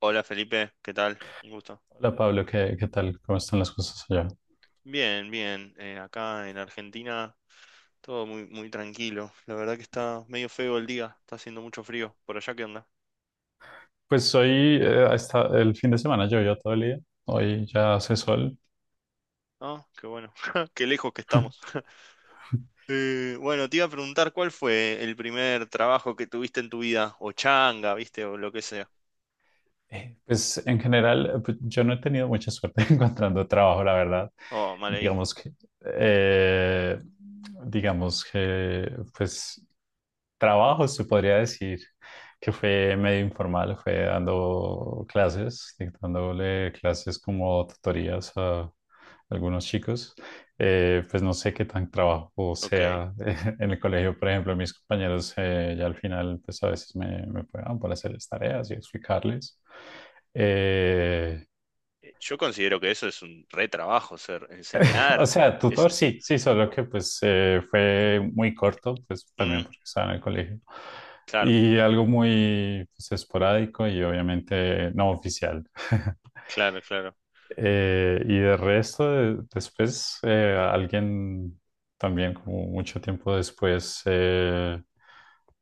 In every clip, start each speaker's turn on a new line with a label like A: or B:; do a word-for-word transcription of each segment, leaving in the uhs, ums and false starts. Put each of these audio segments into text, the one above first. A: Hola Felipe, ¿qué tal? Un gusto.
B: Hola Pablo, ¿qué, qué tal? ¿Cómo están las cosas allá?
A: Bien, bien. Eh, acá en Argentina todo muy, muy tranquilo. La verdad que está medio feo el día, está haciendo mucho frío. ¿Por allá qué onda?
B: Pues hoy, eh, hasta el fin de semana llovió todo el día, hoy ya hace sol.
A: Ah, qué bueno. Qué lejos que estamos. Eh, bueno, te iba a preguntar cuál fue el primer trabajo que tuviste en tu vida, o changa, viste, o lo que sea.
B: Eh, Pues en general, eh, pues, yo no he tenido mucha suerte encontrando trabajo, la verdad.
A: Oh, mal ahí.
B: Digamos que, eh, digamos que, pues trabajo se podría decir que fue medio informal, fue dando clases, dictándole clases como tutorías a algunos chicos. Eh, pues no sé qué tan trabajo
A: Ok. Eh,
B: sea en el colegio, por ejemplo, mis compañeros eh, ya al final, pues a veces me, me pagaban para hacer las tareas y explicarles. Eh,
A: yo considero que eso es un re trabajo, ser
B: o
A: enseñar.
B: sea,
A: Es
B: tutor
A: un...
B: sí, sí, solo que pues eh, fue muy corto, pues también
A: Mm,
B: porque estaba en el colegio.
A: claro,
B: Y algo muy pues, esporádico y obviamente no oficial.
A: claro, claro.
B: Eh, y de resto, de- después, eh, alguien también, como mucho tiempo después, eh,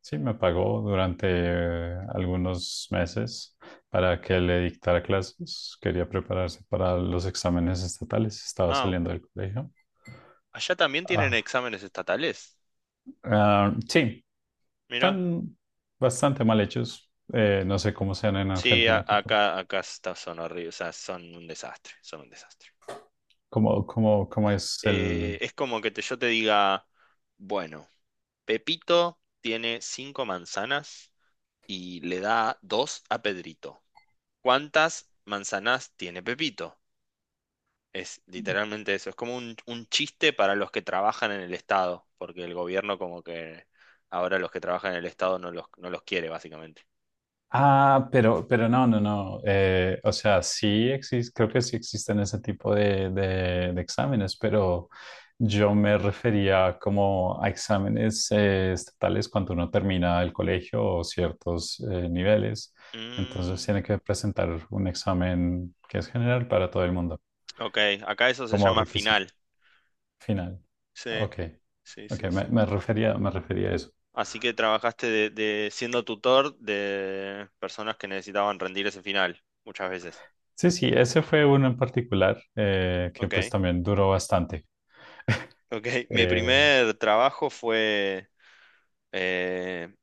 B: sí me pagó durante eh, algunos meses para que le dictara clases. Quería prepararse para los exámenes estatales, estaba
A: Ah,
B: saliendo del colegio.
A: allá también tienen
B: Ah,
A: exámenes estatales.
B: ah, sí,
A: Mira.
B: son bastante mal hechos. Eh, no sé cómo sean en
A: Sí, a-
B: Argentina. Cuéntame.
A: acá, acá está- son horribles, o sea, son un desastre, son un desastre.
B: ¿Cómo, cómo, cómo es el...
A: Eh, es como que te- yo te diga, bueno, Pepito tiene cinco manzanas y le da dos a Pedrito. ¿Cuántas manzanas tiene Pepito? Es literalmente eso, es como un, un chiste para los que trabajan en el Estado, porque el gobierno como que ahora los que trabajan en el Estado no los, no los quiere, básicamente.
B: Ah, pero, pero no, no, no. Eh, o sea, sí existe, creo que sí existen ese tipo de, de- de exámenes, pero yo me refería como a exámenes eh, estatales cuando uno termina el colegio o ciertos eh, niveles. Entonces
A: Mm,
B: tiene que presentar un examen que es general para todo el mundo
A: ok, acá eso se
B: como
A: llama
B: requisito
A: final.
B: final.
A: Sí,
B: Ok,
A: sí,
B: ok,
A: sí,
B: me,
A: sí.
B: me refería, me refería a eso.
A: Así que trabajaste de, de- siendo tutor de personas que necesitaban rendir ese final, muchas veces.
B: Sí, sí, ese fue uno en particular eh, que pues
A: Ok,
B: también duró bastante.
A: ok. Mi
B: Eh,
A: primer trabajo fue, eh,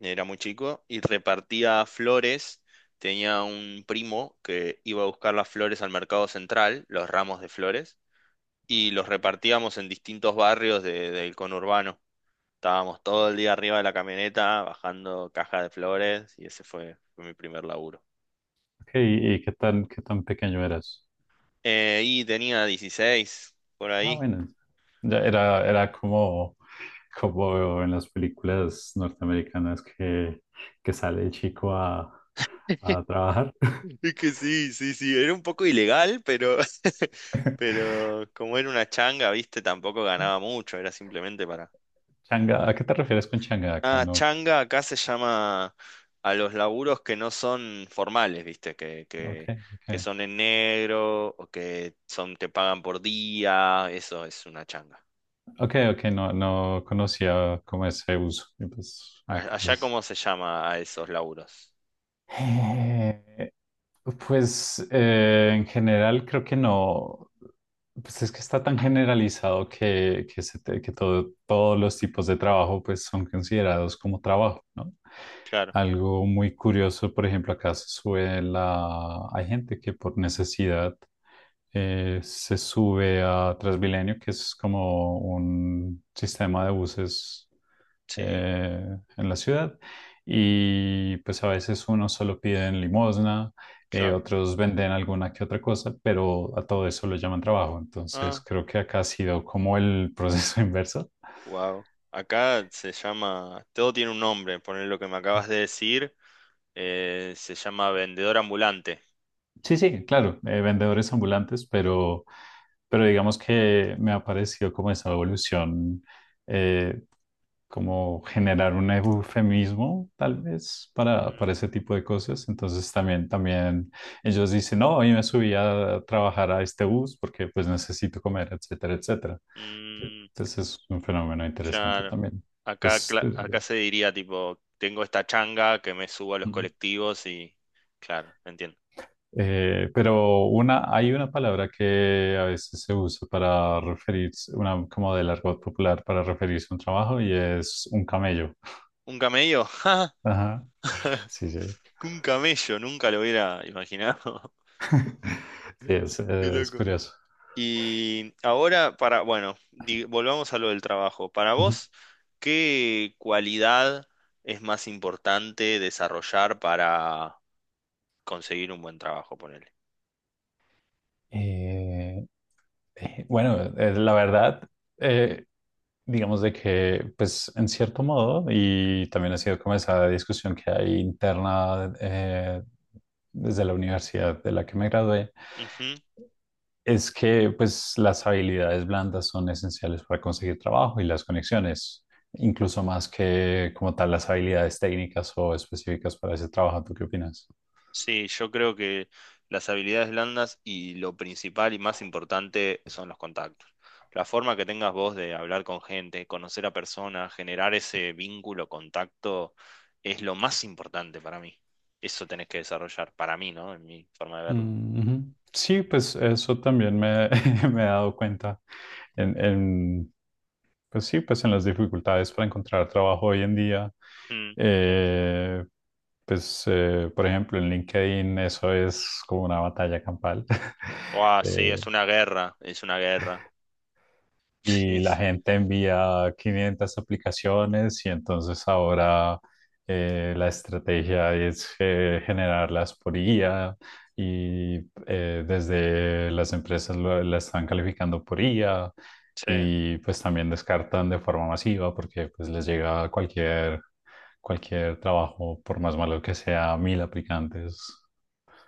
A: era muy chico y repartía flores. Tenía un primo que iba a buscar las flores al mercado central, los ramos de flores, y los repartíamos en distintos barrios de- del conurbano. Estábamos todo el día arriba de la camioneta bajando caja de flores y ese fue, fue mi primer laburo.
B: ok, ¿y, y qué tan, qué tan pequeño eras?
A: Eh, y tenía dieciséis por
B: Ah,
A: ahí.
B: bueno, ya era, era como, como en las películas norteamericanas que, que sale el chico a, a trabajar.
A: Es que sí, sí, sí, era un poco ilegal, pero, pero como era una changa, viste, tampoco ganaba mucho, era simplemente para...
B: Changa, ¿a qué te refieres con changa acá?
A: Ah,
B: No,
A: changa acá se llama a los laburos que no son formales, viste, que,
B: ok,
A: que, que
B: ok.
A: son en negro o que son, te pagan por día, eso es una changa.
B: Ok, ok, no, no conocía como ese uso. Y pues me
A: A- Allá,
B: parece.
A: ¿cómo se llama a esos laburos?
B: Eh, Pues eh, en general creo que no, pues es que está tan generalizado que, que, se te- que todo- todos los tipos de trabajo pues son considerados como trabajo, ¿no?
A: Claro,
B: Algo muy curioso, por ejemplo, acá se sube la, hay gente que por necesidad eh, se sube a Transmilenio, que es como un sistema de buses
A: sí,
B: eh, en la ciudad. Y pues a veces uno solo pide en limosna, eh,
A: claro.
B: otros venden alguna que otra cosa, pero a todo eso lo llaman trabajo. Entonces
A: Ah.
B: creo que acá ha sido como el proceso inverso.
A: Wow. Acá se llama, todo tiene un nombre, poner lo que me acabas de decir, eh, se llama vendedor ambulante.
B: Sí, sí, claro, eh, vendedores ambulantes, pero, pero digamos que me ha parecido como esa evolución, eh, como generar un eufemismo tal vez para,
A: Mm,
B: para ese tipo de cosas. Entonces también, también ellos dicen, no, hoy me subí a trabajar a este bus porque pues necesito comer, etcétera, etcétera.
A: mm,
B: Entonces es un fenómeno interesante
A: claro.
B: también.
A: Acá,
B: Pues,
A: cla-
B: eh,
A: acá se diría tipo, tengo esta changa que me subo a los
B: mm,
A: colectivos y, claro, entiendo.
B: eh, pero una, hay una palabra que a veces se usa para referirse, una como del argot popular para referirse a un trabajo y es un camello.
A: ¿Un camello? ¡Ja!
B: Ajá. Sí, sí.
A: Un camello, nunca lo hubiera imaginado.
B: Sí, es,
A: Qué
B: es
A: loco.
B: curioso.
A: Y ahora para, bueno, di- volvamos a lo del trabajo. Para
B: Ujú.
A: vos, ¿qué cualidad es más importante desarrollar para conseguir un buen trabajo, ponele?
B: Eh, eh, bueno, eh, la verdad, eh, digamos de que, pues en cierto modo, y también ha sido como esa discusión que hay interna eh, desde la universidad de la que me gradué,
A: Ujú.
B: es que pues las habilidades blandas son esenciales para conseguir trabajo y las conexiones, incluso más que como tal las habilidades técnicas o específicas para ese trabajo. ¿Tú qué opinas?
A: Sí, yo creo que las habilidades blandas y lo principal y más importante son los contactos. La forma que tengas vos de hablar con gente, conocer a personas, generar ese vínculo, contacto, es lo más importante para mí. Eso tenés que desarrollar, para mí, ¿no? En mi forma de verlo.
B: Mm, ujú. Sí, pues eso también me, me he dado cuenta en, en pues sí, pues en las dificultades para encontrar trabajo hoy en día,
A: Mm, sí.
B: eh, pues eh, por ejemplo en LinkedIn eso es como una batalla campal.
A: Guau, sí,
B: Eh,
A: es una guerra, es una guerra.
B: y
A: Sí,
B: la gente envía quinientas aplicaciones y entonces ahora eh, la estrategia es eh, generarlas por I A y eh, desde las empresas lo- la están calificando por I A
A: sí,
B: y pues también descartan de forma masiva porque pues les llega cualquier, cualquier trabajo, por más malo que sea, mil aplicantes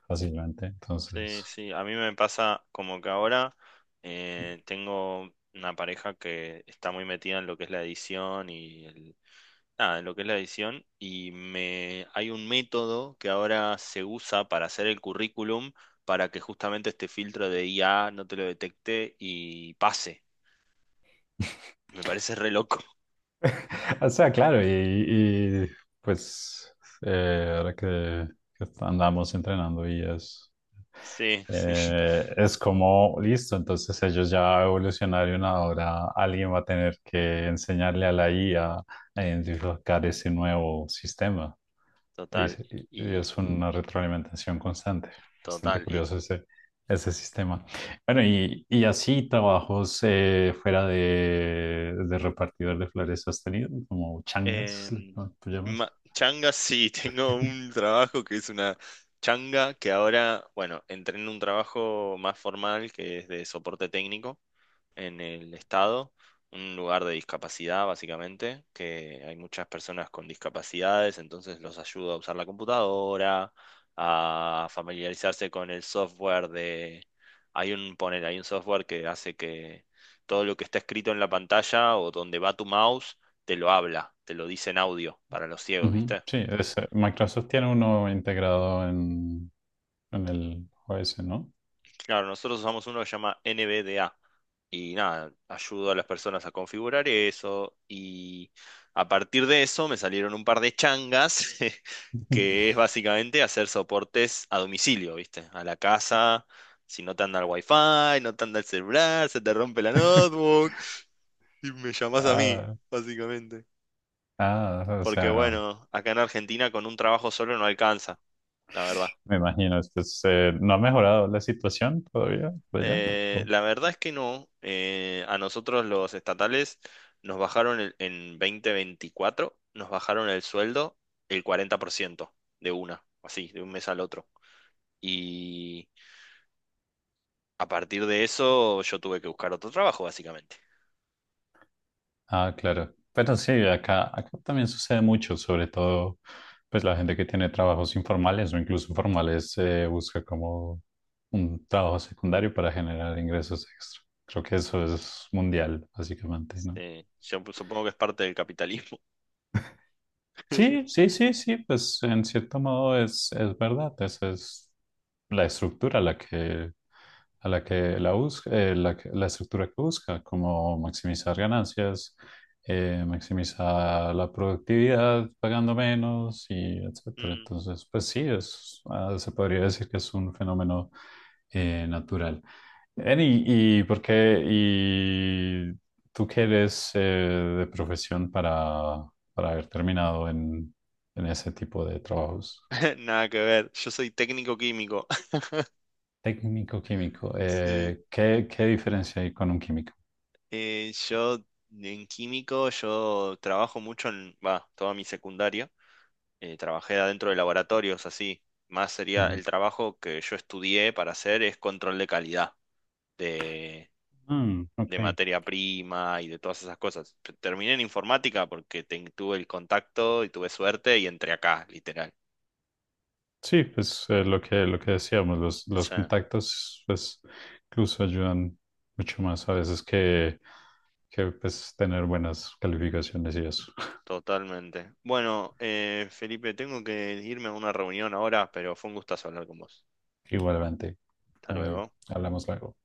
B: fácilmente.
A: sí,
B: Entonces...
A: sí. A mí me pasa como que ahora eh, tengo una pareja que está muy metida en lo que es la edición y el, nada, en lo que es la edición y me hay un método que ahora se usa para hacer el currículum para que justamente este filtro de I A no te lo detecte y pase. Me parece re loco.
B: O sea, claro, y, y, pues eh, ahora que, que andamos entrenando y es,
A: Sí, sí,
B: eh, es como, listo, entonces ellos ya evolucionaron, ahora alguien va a tener que enseñarle a la IA a a identificar ese nuevo sistema. Y,
A: total.
B: es y
A: Y
B: es una retroalimentación constante. Bastante
A: total.
B: curioso ese, ese sistema. Bueno, y, y así trabajos eh, fuera de, de repartidor de flores has tenido, como changas,
A: Em,
B: ¿no? ¿Tú llamas?
A: ma- changa, sí, tengo un trabajo que es una changa que ahora, bueno, entré en un trabajo más formal que es de soporte técnico en el estado, un lugar de discapacidad básicamente, que hay muchas personas con discapacidades, entonces los ayuda a usar la computadora, a familiarizarse con el software de... Hay un, poner, hay un software que hace que todo lo que está escrito en la pantalla o donde va tu mouse, te lo habla, te lo dice en audio para los ciegos,
B: Ujú.
A: ¿viste?
B: Sí, es- eh, Microsoft tiene uno integrado en, en el O S, ¿no?
A: Claro, nosotros usamos uno que se llama N V D A y nada, ayudo a las personas a configurar eso y a partir de eso me salieron un par de changas que es básicamente hacer soportes a domicilio, ¿viste? A la casa, si no te anda el wifi, no te anda el celular, se te rompe la notebook y me llamas a mí,
B: Ah,
A: básicamente.
B: ah, o
A: Porque
B: sea,
A: bueno, acá en Argentina con un trabajo solo no alcanza, la verdad.
B: me imagino, esto es, eh, ¿no ha mejorado la situación todavía por allá?
A: Eh, la verdad es que no. Eh, a nosotros los estatales nos bajaron el- en dos mil veinticuatro, nos bajaron el sueldo el cuarenta por ciento de una, así, de un mes al otro. Y a partir de eso yo tuve que buscar otro trabajo, básicamente.
B: Ah, claro. Pero sí, acá, acá también sucede mucho, sobre todo pues la gente que tiene trabajos informales o incluso formales eh, busca como un trabajo secundario para generar ingresos extra. Creo que eso es mundial, básicamente, ¿no?
A: Eh, yo supongo que es parte del capitalismo.
B: Sí, sí, sí, sí, pues en cierto modo es, es verdad, esa es la estructura la que a la que la busca, eh, la, que- la estructura que busca, como maximizar ganancias, eh, maximizar la productividad pagando menos y etcétera.
A: Mm.
B: Entonces, pues sí, es, ah, se podría decir que es un fenómeno eh, natural. Ven, ¿y, y por qué? ¿Y tú qué eres eh, de profesión para, para haber terminado en, en ese tipo de trabajos?
A: Nada que ver, yo soy técnico químico.
B: Técnico-químico,
A: Sí.
B: eh, ¿qué, qué diferencia hay con un químico?
A: Eh, yo en químico, yo trabajo mucho en, va, toda mi secundaria. Eh, trabajé adentro de laboratorios así. Más sería el trabajo que yo estudié para hacer es control de calidad de,
B: Mm,
A: de
B: ok.
A: materia prima y de todas esas cosas. Terminé en informática porque ten- tuve el contacto y tuve suerte y entré acá, literal.
B: Sí, pues eh, lo que, lo que decíamos, los, los
A: Sí,
B: contactos, pues incluso ayudan mucho más a veces que, que pues, tener buenas calificaciones y eso.
A: totalmente. Bueno, eh, Felipe, tengo que irme a una reunión ahora, pero fue un gustazo hablar con vos.
B: Igualmente,
A: Hasta
B: eh,
A: luego.
B: hablamos luego.